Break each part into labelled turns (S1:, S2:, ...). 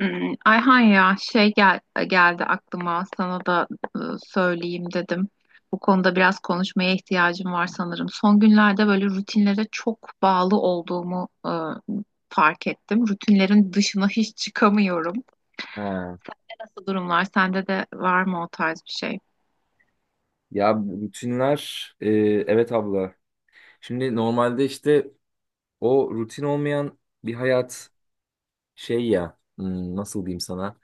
S1: Ayhan, ya geldi aklıma, sana da e, söyleyeyim dedim. Bu konuda biraz konuşmaya ihtiyacım var sanırım. Son günlerde böyle rutinlere çok bağlı olduğumu fark ettim. Rutinlerin dışına hiç çıkamıyorum.
S2: Ha.
S1: Nasıl durumlar? Sende de var mı o tarz bir şey?
S2: Ya rutinler evet abla. Şimdi normalde işte o rutin olmayan bir hayat şey ya nasıl diyeyim sana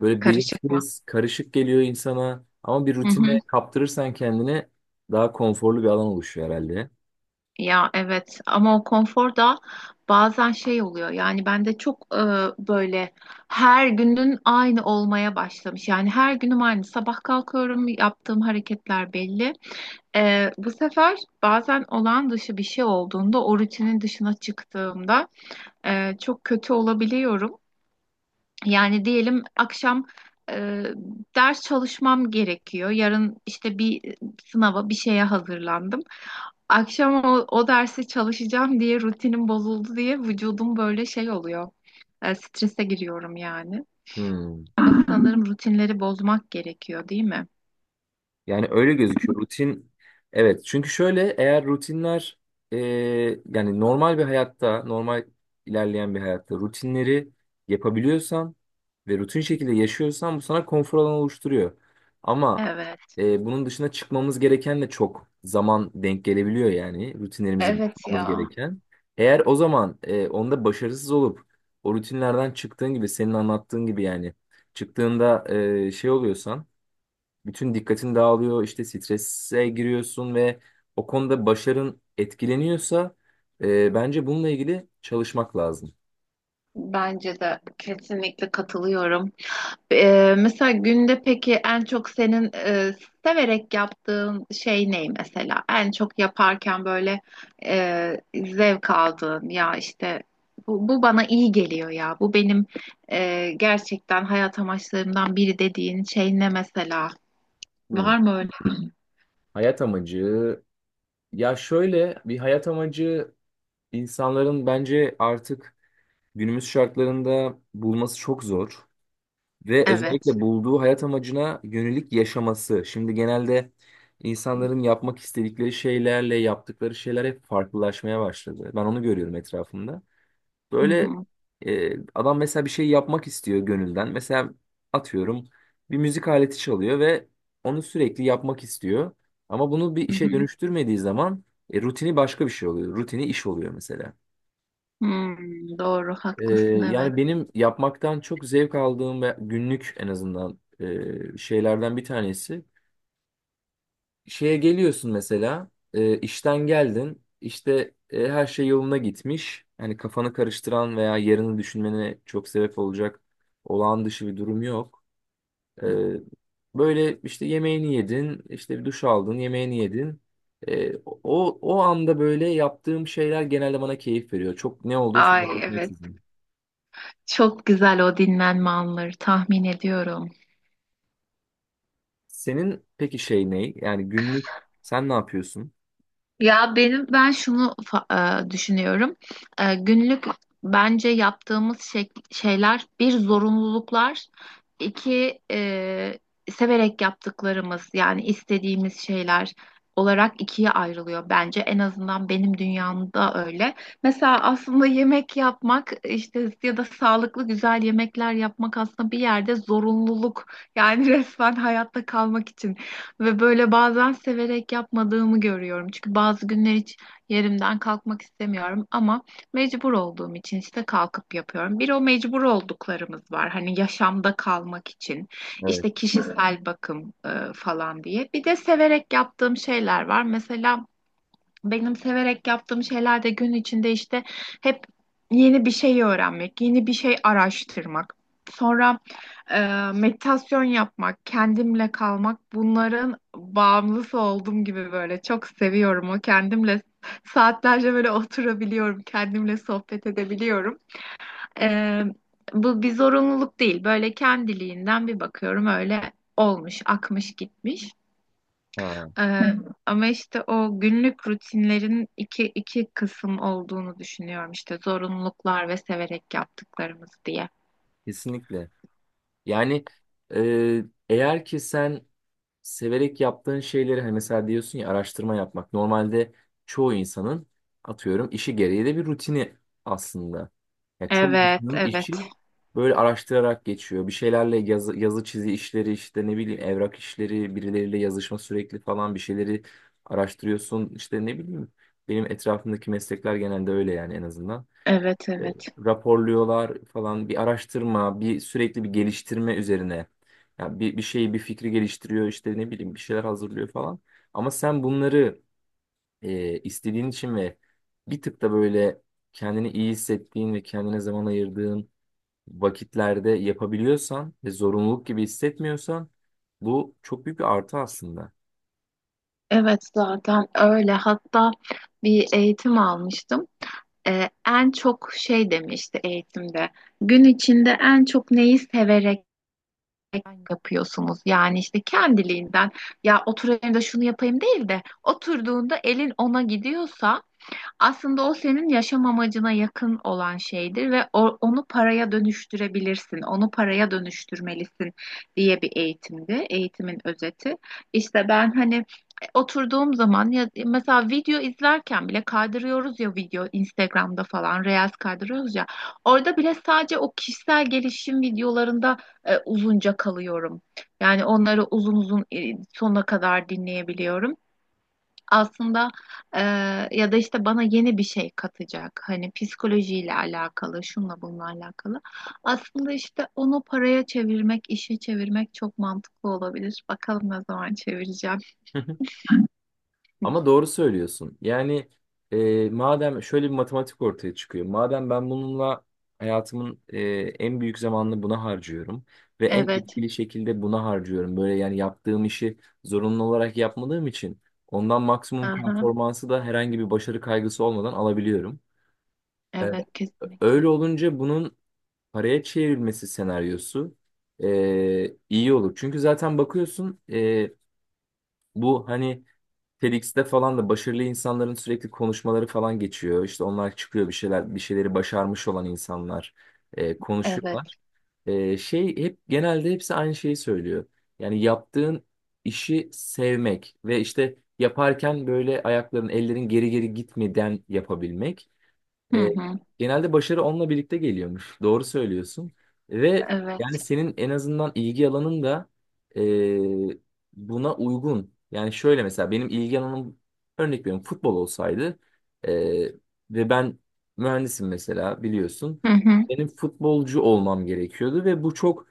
S2: böyle
S1: Karışık mı?
S2: belirsiz karışık geliyor insana ama bir rutine kaptırırsan kendini daha konforlu bir alan oluşuyor herhalde.
S1: Ya evet, ama o konfor da bazen şey oluyor, yani bende çok böyle her günün aynı olmaya başlamış, yani her günüm aynı, sabah kalkıyorum, yaptığım hareketler belli. Bu sefer bazen olağan dışı bir şey olduğunda, o rutinin dışına çıktığımda çok kötü olabiliyorum, yani diyelim akşam e, ders çalışmam gerekiyor. Yarın işte bir sınava, bir şeye hazırlandım. Akşam o dersi çalışacağım diye rutinim bozuldu diye vücudum böyle şey oluyor. Strese giriyorum yani.
S2: Hmm.
S1: Ama sanırım rutinleri bozmak gerekiyor, değil mi?
S2: Yani öyle gözüküyor. Rutin evet çünkü şöyle eğer rutinler e, yani normal bir hayatta normal ilerleyen bir hayatta rutinleri yapabiliyorsan ve rutin şekilde yaşıyorsan bu sana konfor alanı oluşturuyor. Ama
S1: Evet.
S2: bunun dışına çıkmamız gereken de çok zaman denk gelebiliyor yani rutinlerimizi
S1: Evet
S2: bulmamız
S1: ya.
S2: gereken. Eğer o zaman onda başarısız olup o rutinlerden çıktığın gibi senin anlattığın gibi yani çıktığında şey oluyorsan bütün dikkatin dağılıyor, işte strese giriyorsun ve o konuda başarın etkileniyorsa bence bununla ilgili çalışmak lazım.
S1: Bence de kesinlikle katılıyorum. Mesela günde peki en çok senin severek yaptığın şey ne mesela? En çok yaparken böyle zevk aldığın, ya işte bu bana iyi geliyor ya. Bu benim gerçekten hayat amaçlarımdan biri dediğin şey ne mesela?
S2: Hmm.
S1: Var mı öyle?
S2: Hayat amacı ya şöyle bir hayat amacı insanların bence artık günümüz şartlarında bulması çok zor ve
S1: Evet.
S2: özellikle bulduğu hayat amacına yönelik yaşaması. Şimdi genelde insanların yapmak istedikleri şeylerle yaptıkları şeyler hep farklılaşmaya başladı. Ben onu görüyorum etrafımda.
S1: Hı
S2: Böyle
S1: hı,
S2: adam mesela bir şey yapmak istiyor gönülden. Mesela atıyorum bir müzik aleti çalıyor ve onu sürekli yapmak istiyor. Ama bunu bir
S1: hı hı.
S2: işe dönüştürmediği zaman rutini başka bir şey oluyor. Rutini iş oluyor mesela.
S1: Doğru
S2: E,
S1: haklısın, evet.
S2: Yani benim yapmaktan çok zevk aldığım ve günlük en azından şeylerden bir tanesi şeye geliyorsun mesela işten geldin işte her şey yoluna gitmiş yani kafanı karıştıran veya yarını düşünmene çok sebep olacak olağan dışı bir durum yok. E, Böyle işte yemeğini yedin işte bir duş aldın yemeğini yedin. O anda böyle yaptığım şeyler genelde bana keyif veriyor çok ne olduğu
S1: Ay
S2: fark
S1: evet.
S2: etmeksizin.
S1: Çok güzel o dinlenme anları, tahmin ediyorum.
S2: Senin peki şey ne yani günlük sen ne yapıyorsun?
S1: Ya benim, ben şunu düşünüyorum. Günlük bence yaptığımız şeyler bir zorunluluklar, iki severek yaptıklarımız, yani istediğimiz şeyler olarak ikiye ayrılıyor bence. En azından benim dünyamda öyle. Mesela aslında yemek yapmak işte, ya da sağlıklı güzel yemekler yapmak aslında bir yerde zorunluluk. Yani resmen hayatta kalmak için. Ve böyle bazen severek yapmadığımı görüyorum. Çünkü bazı günler hiç yerimden kalkmak istemiyorum ama mecbur olduğum için işte kalkıp yapıyorum. Bir o mecbur olduklarımız var. Hani yaşamda kalmak için
S2: Evet.
S1: işte kişisel bakım falan diye. Bir de severek yaptığım şeyler var. Mesela benim severek yaptığım şeyler de gün içinde işte hep yeni bir şey öğrenmek, yeni bir şey araştırmak. Sonra e, meditasyon yapmak, kendimle kalmak, bunların bağımlısı olduğum gibi böyle çok seviyorum. O kendimle saatlerce böyle oturabiliyorum, kendimle sohbet edebiliyorum. E, bu bir zorunluluk değil. Böyle kendiliğinden bir bakıyorum, öyle olmuş, akmış gitmiş.
S2: Ha,
S1: Hı. Hı. Ama işte o günlük rutinlerin iki kısım olduğunu düşünüyorum, işte zorunluluklar ve severek yaptıklarımız diye.
S2: kesinlikle. Yani eğer ki sen severek yaptığın şeyleri hani mesela diyorsun ya araştırma yapmak normalde çoğu insanın atıyorum işi gereği de bir rutini aslında. Yani çoğu
S1: Evet,
S2: insanın
S1: evet,
S2: işi böyle araştırarak geçiyor. Bir şeylerle yazı, yazı çizi işleri işte ne bileyim evrak işleri birileriyle yazışma sürekli falan bir şeyleri araştırıyorsun işte ne bileyim benim etrafımdaki meslekler genelde öyle yani en azından
S1: evet,
S2: e,
S1: evet.
S2: raporluyorlar falan bir araştırma, bir sürekli bir geliştirme üzerine. Yani bir, bir şeyi, bir fikri geliştiriyor işte ne bileyim bir şeyler hazırlıyor falan. Ama sen bunları istediğin için ve bir tık da böyle kendini iyi hissettiğin ve kendine zaman ayırdığın vakitlerde yapabiliyorsan ve zorunluluk gibi hissetmiyorsan bu çok büyük bir artı aslında.
S1: Evet, zaten öyle. Hatta bir eğitim almıştım. En çok şey demişti eğitimde. Gün içinde en çok neyi severek yapıyorsunuz? Yani işte kendiliğinden, ya oturayım da şunu yapayım değil de, oturduğunda elin ona gidiyorsa aslında o senin yaşam amacına yakın olan şeydir ve o- onu paraya dönüştürebilirsin, onu paraya dönüştürmelisin, diye bir eğitimdi, eğitimin özeti. İşte ben hani oturduğum zaman, ya mesela video izlerken bile kaydırıyoruz ya, video Instagram'da falan Reels kaydırıyoruz ya, orada bile sadece o kişisel gelişim videolarında uzunca kalıyorum. Yani onları uzun uzun sonuna kadar dinleyebiliyorum aslında, e, ya da işte bana yeni bir şey katacak. Hani psikolojiyle alakalı, şunla bununla alakalı. Aslında işte onu paraya çevirmek, işe çevirmek çok mantıklı olabilir. Bakalım ne zaman çevireceğim.
S2: Ama doğru söylüyorsun. Yani madem şöyle bir matematik ortaya çıkıyor. Madem ben bununla hayatımın en büyük zamanını buna harcıyorum ve en
S1: Evet.
S2: etkili şekilde buna harcıyorum. Böyle yani yaptığım işi zorunlu olarak yapmadığım için ondan maksimum
S1: Aha.
S2: performansı da herhangi bir başarı kaygısı olmadan alabiliyorum. E,
S1: Evet,
S2: Öyle
S1: kesinlikle.
S2: olunca bunun paraya çevrilmesi senaryosu iyi olur. Çünkü zaten bakıyorsun bu hani TEDx'te falan da başarılı insanların sürekli konuşmaları falan geçiyor. İşte onlar çıkıyor bir şeyler, bir şeyleri başarmış olan insanlar
S1: Evet.
S2: konuşuyorlar. Şey hep genelde hepsi aynı şeyi söylüyor. Yani yaptığın işi sevmek ve işte yaparken böyle ayakların, ellerin geri geri gitmeden yapabilmek.
S1: Hı
S2: E,
S1: hı.
S2: Genelde başarı onunla birlikte geliyormuş. Doğru söylüyorsun. Ve
S1: Evet.
S2: yani senin en azından ilgi alanın da e, buna uygun. Yani şöyle mesela benim ilgi alanım örnek veriyorum futbol olsaydı e, ve ben mühendisim mesela biliyorsun.
S1: Hı hı.
S2: Benim futbolcu olmam gerekiyordu ve bu çok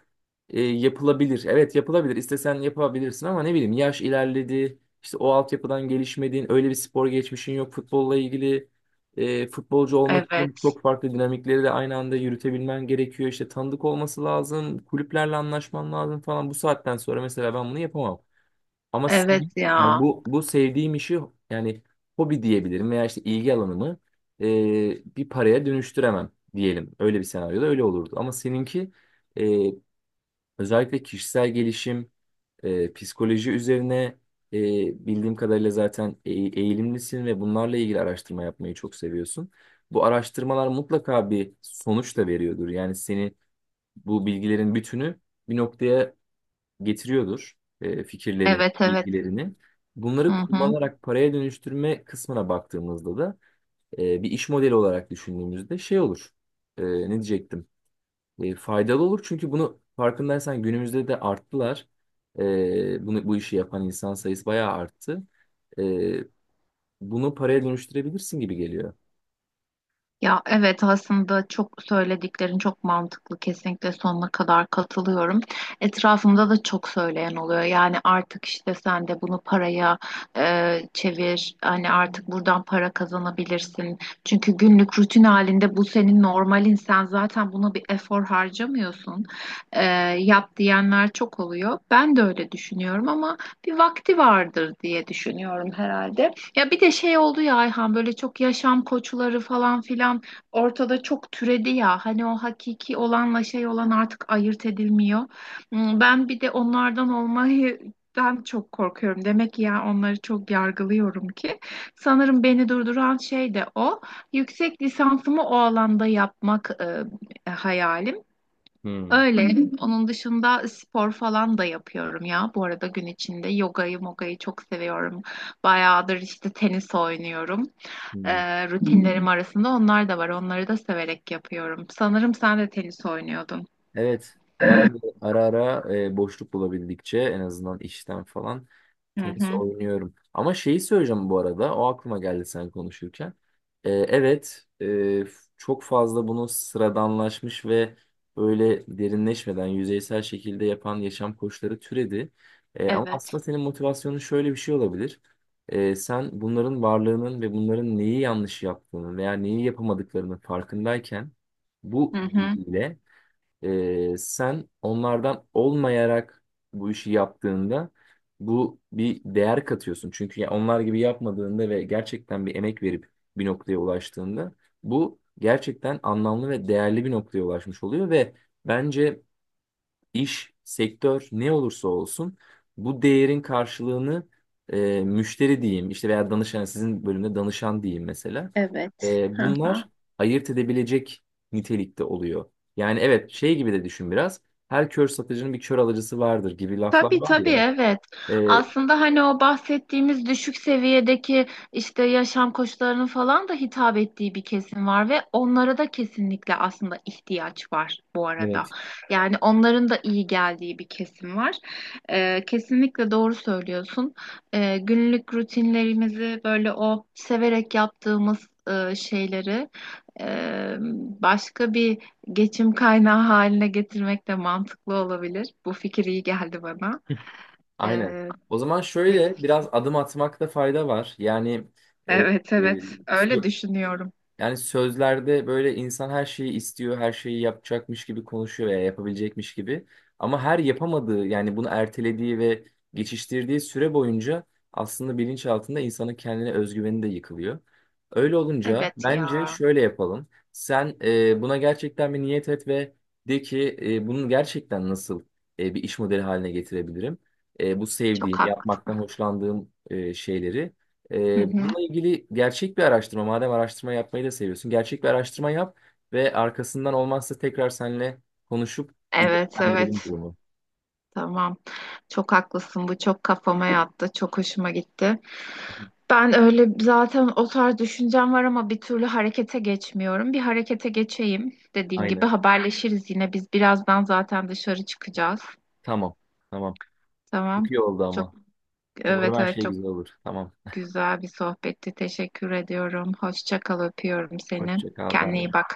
S2: yapılabilir. Evet yapılabilir. İstesen yapabilirsin ama ne bileyim yaş ilerledi. İşte o altyapıdan gelişmediğin, öyle bir spor geçmişin yok futbolla ilgili. E, futbolcu olmak için
S1: Evet.
S2: çok farklı dinamikleri de aynı anda yürütebilmen gerekiyor. İşte tanıdık olması lazım, kulüplerle anlaşman lazım falan. Bu saatten sonra mesela ben bunu yapamam. Ama
S1: Evet
S2: yani
S1: ya.
S2: bu sevdiğim işi yani hobi diyebilirim veya işte ilgi alanımı e, bir paraya dönüştüremem diyelim. Öyle bir senaryoda öyle olurdu. Ama seninki e, özellikle kişisel gelişim psikoloji üzerine e, bildiğim kadarıyla zaten eğilimlisin ve bunlarla ilgili araştırma yapmayı çok seviyorsun. Bu araştırmalar mutlaka bir sonuç da veriyordur. Yani seni bu bilgilerin bütünü bir noktaya getiriyordur. E, fikirlerin,
S1: Evet, evet.
S2: bilgilerini.
S1: Hı
S2: Bunları
S1: hı.
S2: kullanarak paraya dönüştürme kısmına baktığımızda da bir iş modeli olarak düşündüğümüzde şey olur. E, ne diyecektim? Faydalı olur çünkü bunu farkındaysan günümüzde de arttılar. Bunu bu işi yapan insan sayısı bayağı arttı. E, Bunu paraya dönüştürebilirsin gibi geliyor.
S1: Ya evet, aslında çok söylediklerin çok mantıklı, kesinlikle sonuna kadar katılıyorum. Etrafımda da çok söyleyen oluyor. Yani artık işte, sen de bunu paraya çevir. Hani artık buradan para kazanabilirsin. Çünkü günlük rutin halinde bu senin normalin. Sen zaten buna bir efor harcamıyorsun. E, yap diyenler çok oluyor. Ben de öyle düşünüyorum ama bir vakti vardır diye düşünüyorum herhalde. Ya bir de şey oldu ya Ayhan, böyle çok yaşam koçları falan filan ortada çok türedi ya. Hani o hakiki olanla şey olan artık ayırt edilmiyor. Ben bir de onlardan olmayı ben çok korkuyorum. Demek ki ya onları çok yargılıyorum ki. Sanırım beni durduran şey de o. Yüksek lisansımı o alanda yapmak hayalim.
S2: Hmm.
S1: Öyle. Onun dışında spor falan da yapıyorum ya. Bu arada gün içinde yogayı, mogayı çok seviyorum. Bayağıdır işte tenis oynuyorum.
S2: Hmm.
S1: Rutinlerim arasında onlar da var. Onları da severek yapıyorum. Sanırım sen de tenis oynuyordun.
S2: Evet, ben bu ara ara boşluk bulabildikçe en azından işten falan.
S1: Hı
S2: Tenis
S1: hı.
S2: oynuyorum. Ama şeyi söyleyeceğim bu arada. O aklıma geldi sen konuşurken. Evet, çok fazla bunu sıradanlaşmış ve öyle derinleşmeden yüzeysel şekilde yapan yaşam koçları türedi. Ama
S1: Evet.
S2: aslında senin motivasyonun şöyle bir şey olabilir. Sen bunların varlığının ve bunların neyi yanlış yaptığını veya neyi yapamadıklarının farkındayken
S1: Hı
S2: bu
S1: hı.
S2: bilgiyle sen onlardan olmayarak bu işi yaptığında bu bir değer katıyorsun. Çünkü ya onlar gibi yapmadığında ve gerçekten bir emek verip bir noktaya ulaştığında bu gerçekten anlamlı ve değerli bir noktaya ulaşmış oluyor ve bence iş, sektör ne olursa olsun bu değerin karşılığını müşteri diyeyim işte veya danışan sizin bölümde danışan diyeyim mesela.
S1: Evet.
S2: E,
S1: Hı hı.
S2: bunlar ayırt edebilecek nitelikte oluyor. Yani evet şey gibi de düşün biraz. Her kör satıcının bir kör alıcısı vardır gibi laflar
S1: Tabii
S2: var
S1: tabii,
S2: ya.
S1: evet.
S2: E,
S1: Aslında hani o bahsettiğimiz düşük seviyedeki işte yaşam koşullarının falan da hitap ettiği bir kesim var, ve onlara da kesinlikle aslında ihtiyaç var bu arada.
S2: Evet.
S1: Yani onların da iyi geldiği bir kesim var. Kesinlikle doğru söylüyorsun. Günlük rutinlerimizi böyle o severek yaptığımız şeyleri e, başka bir geçim kaynağı haline getirmek de mantıklı olabilir. Bu fikir iyi geldi bana.
S2: Hı. Aynen.
S1: Ee,
S2: O zaman şöyle biraz adım atmakta fayda var. Yani e, e,
S1: evet evet öyle
S2: so-
S1: düşünüyorum.
S2: yani sözlerde böyle insan her şeyi istiyor, her şeyi yapacakmış gibi konuşuyor veya yapabilecekmiş gibi. Ama her yapamadığı yani bunu ertelediği ve geçiştirdiği süre boyunca aslında bilinç altında insanın kendine özgüveni de yıkılıyor. Öyle olunca
S1: Evet
S2: bence
S1: ya,
S2: şöyle yapalım. Sen buna gerçekten bir niyet et ve de ki bunu gerçekten nasıl bir iş modeli haline getirebilirim? Bu sevdiğim,
S1: çok haklısın.
S2: yapmaktan hoşlandığım şeyleri.
S1: Hı hı.
S2: Bununla ilgili gerçek bir araştırma, madem araştırma yapmayı da seviyorsun, gerçek bir araştırma yap ve arkasından olmazsa tekrar seninle konuşup bir
S1: Evet,
S2: değerlendirelim
S1: evet,
S2: durumu.
S1: tamam, çok haklısın, bu çok kafama yattı, çok hoşuma gitti.
S2: Hı.
S1: Ben öyle zaten, o tarz düşüncem var ama bir türlü harekete geçmiyorum. Bir harekete geçeyim, dediğin gibi
S2: Aynen.
S1: haberleşiriz, yine biz birazdan zaten dışarı çıkacağız.
S2: Tamam. Tamam. Çok
S1: Tamam.
S2: iyi oldu
S1: Çok,
S2: ama. Umarım
S1: evet,
S2: her
S1: evet,
S2: şey
S1: çok.
S2: güzel olur. Tamam.
S1: Güzel bir sohbetti. Teşekkür ediyorum. Hoşça kal, öpüyorum seni.
S2: Hoşça kal. Bay
S1: Kendine iyi
S2: bay.
S1: bak.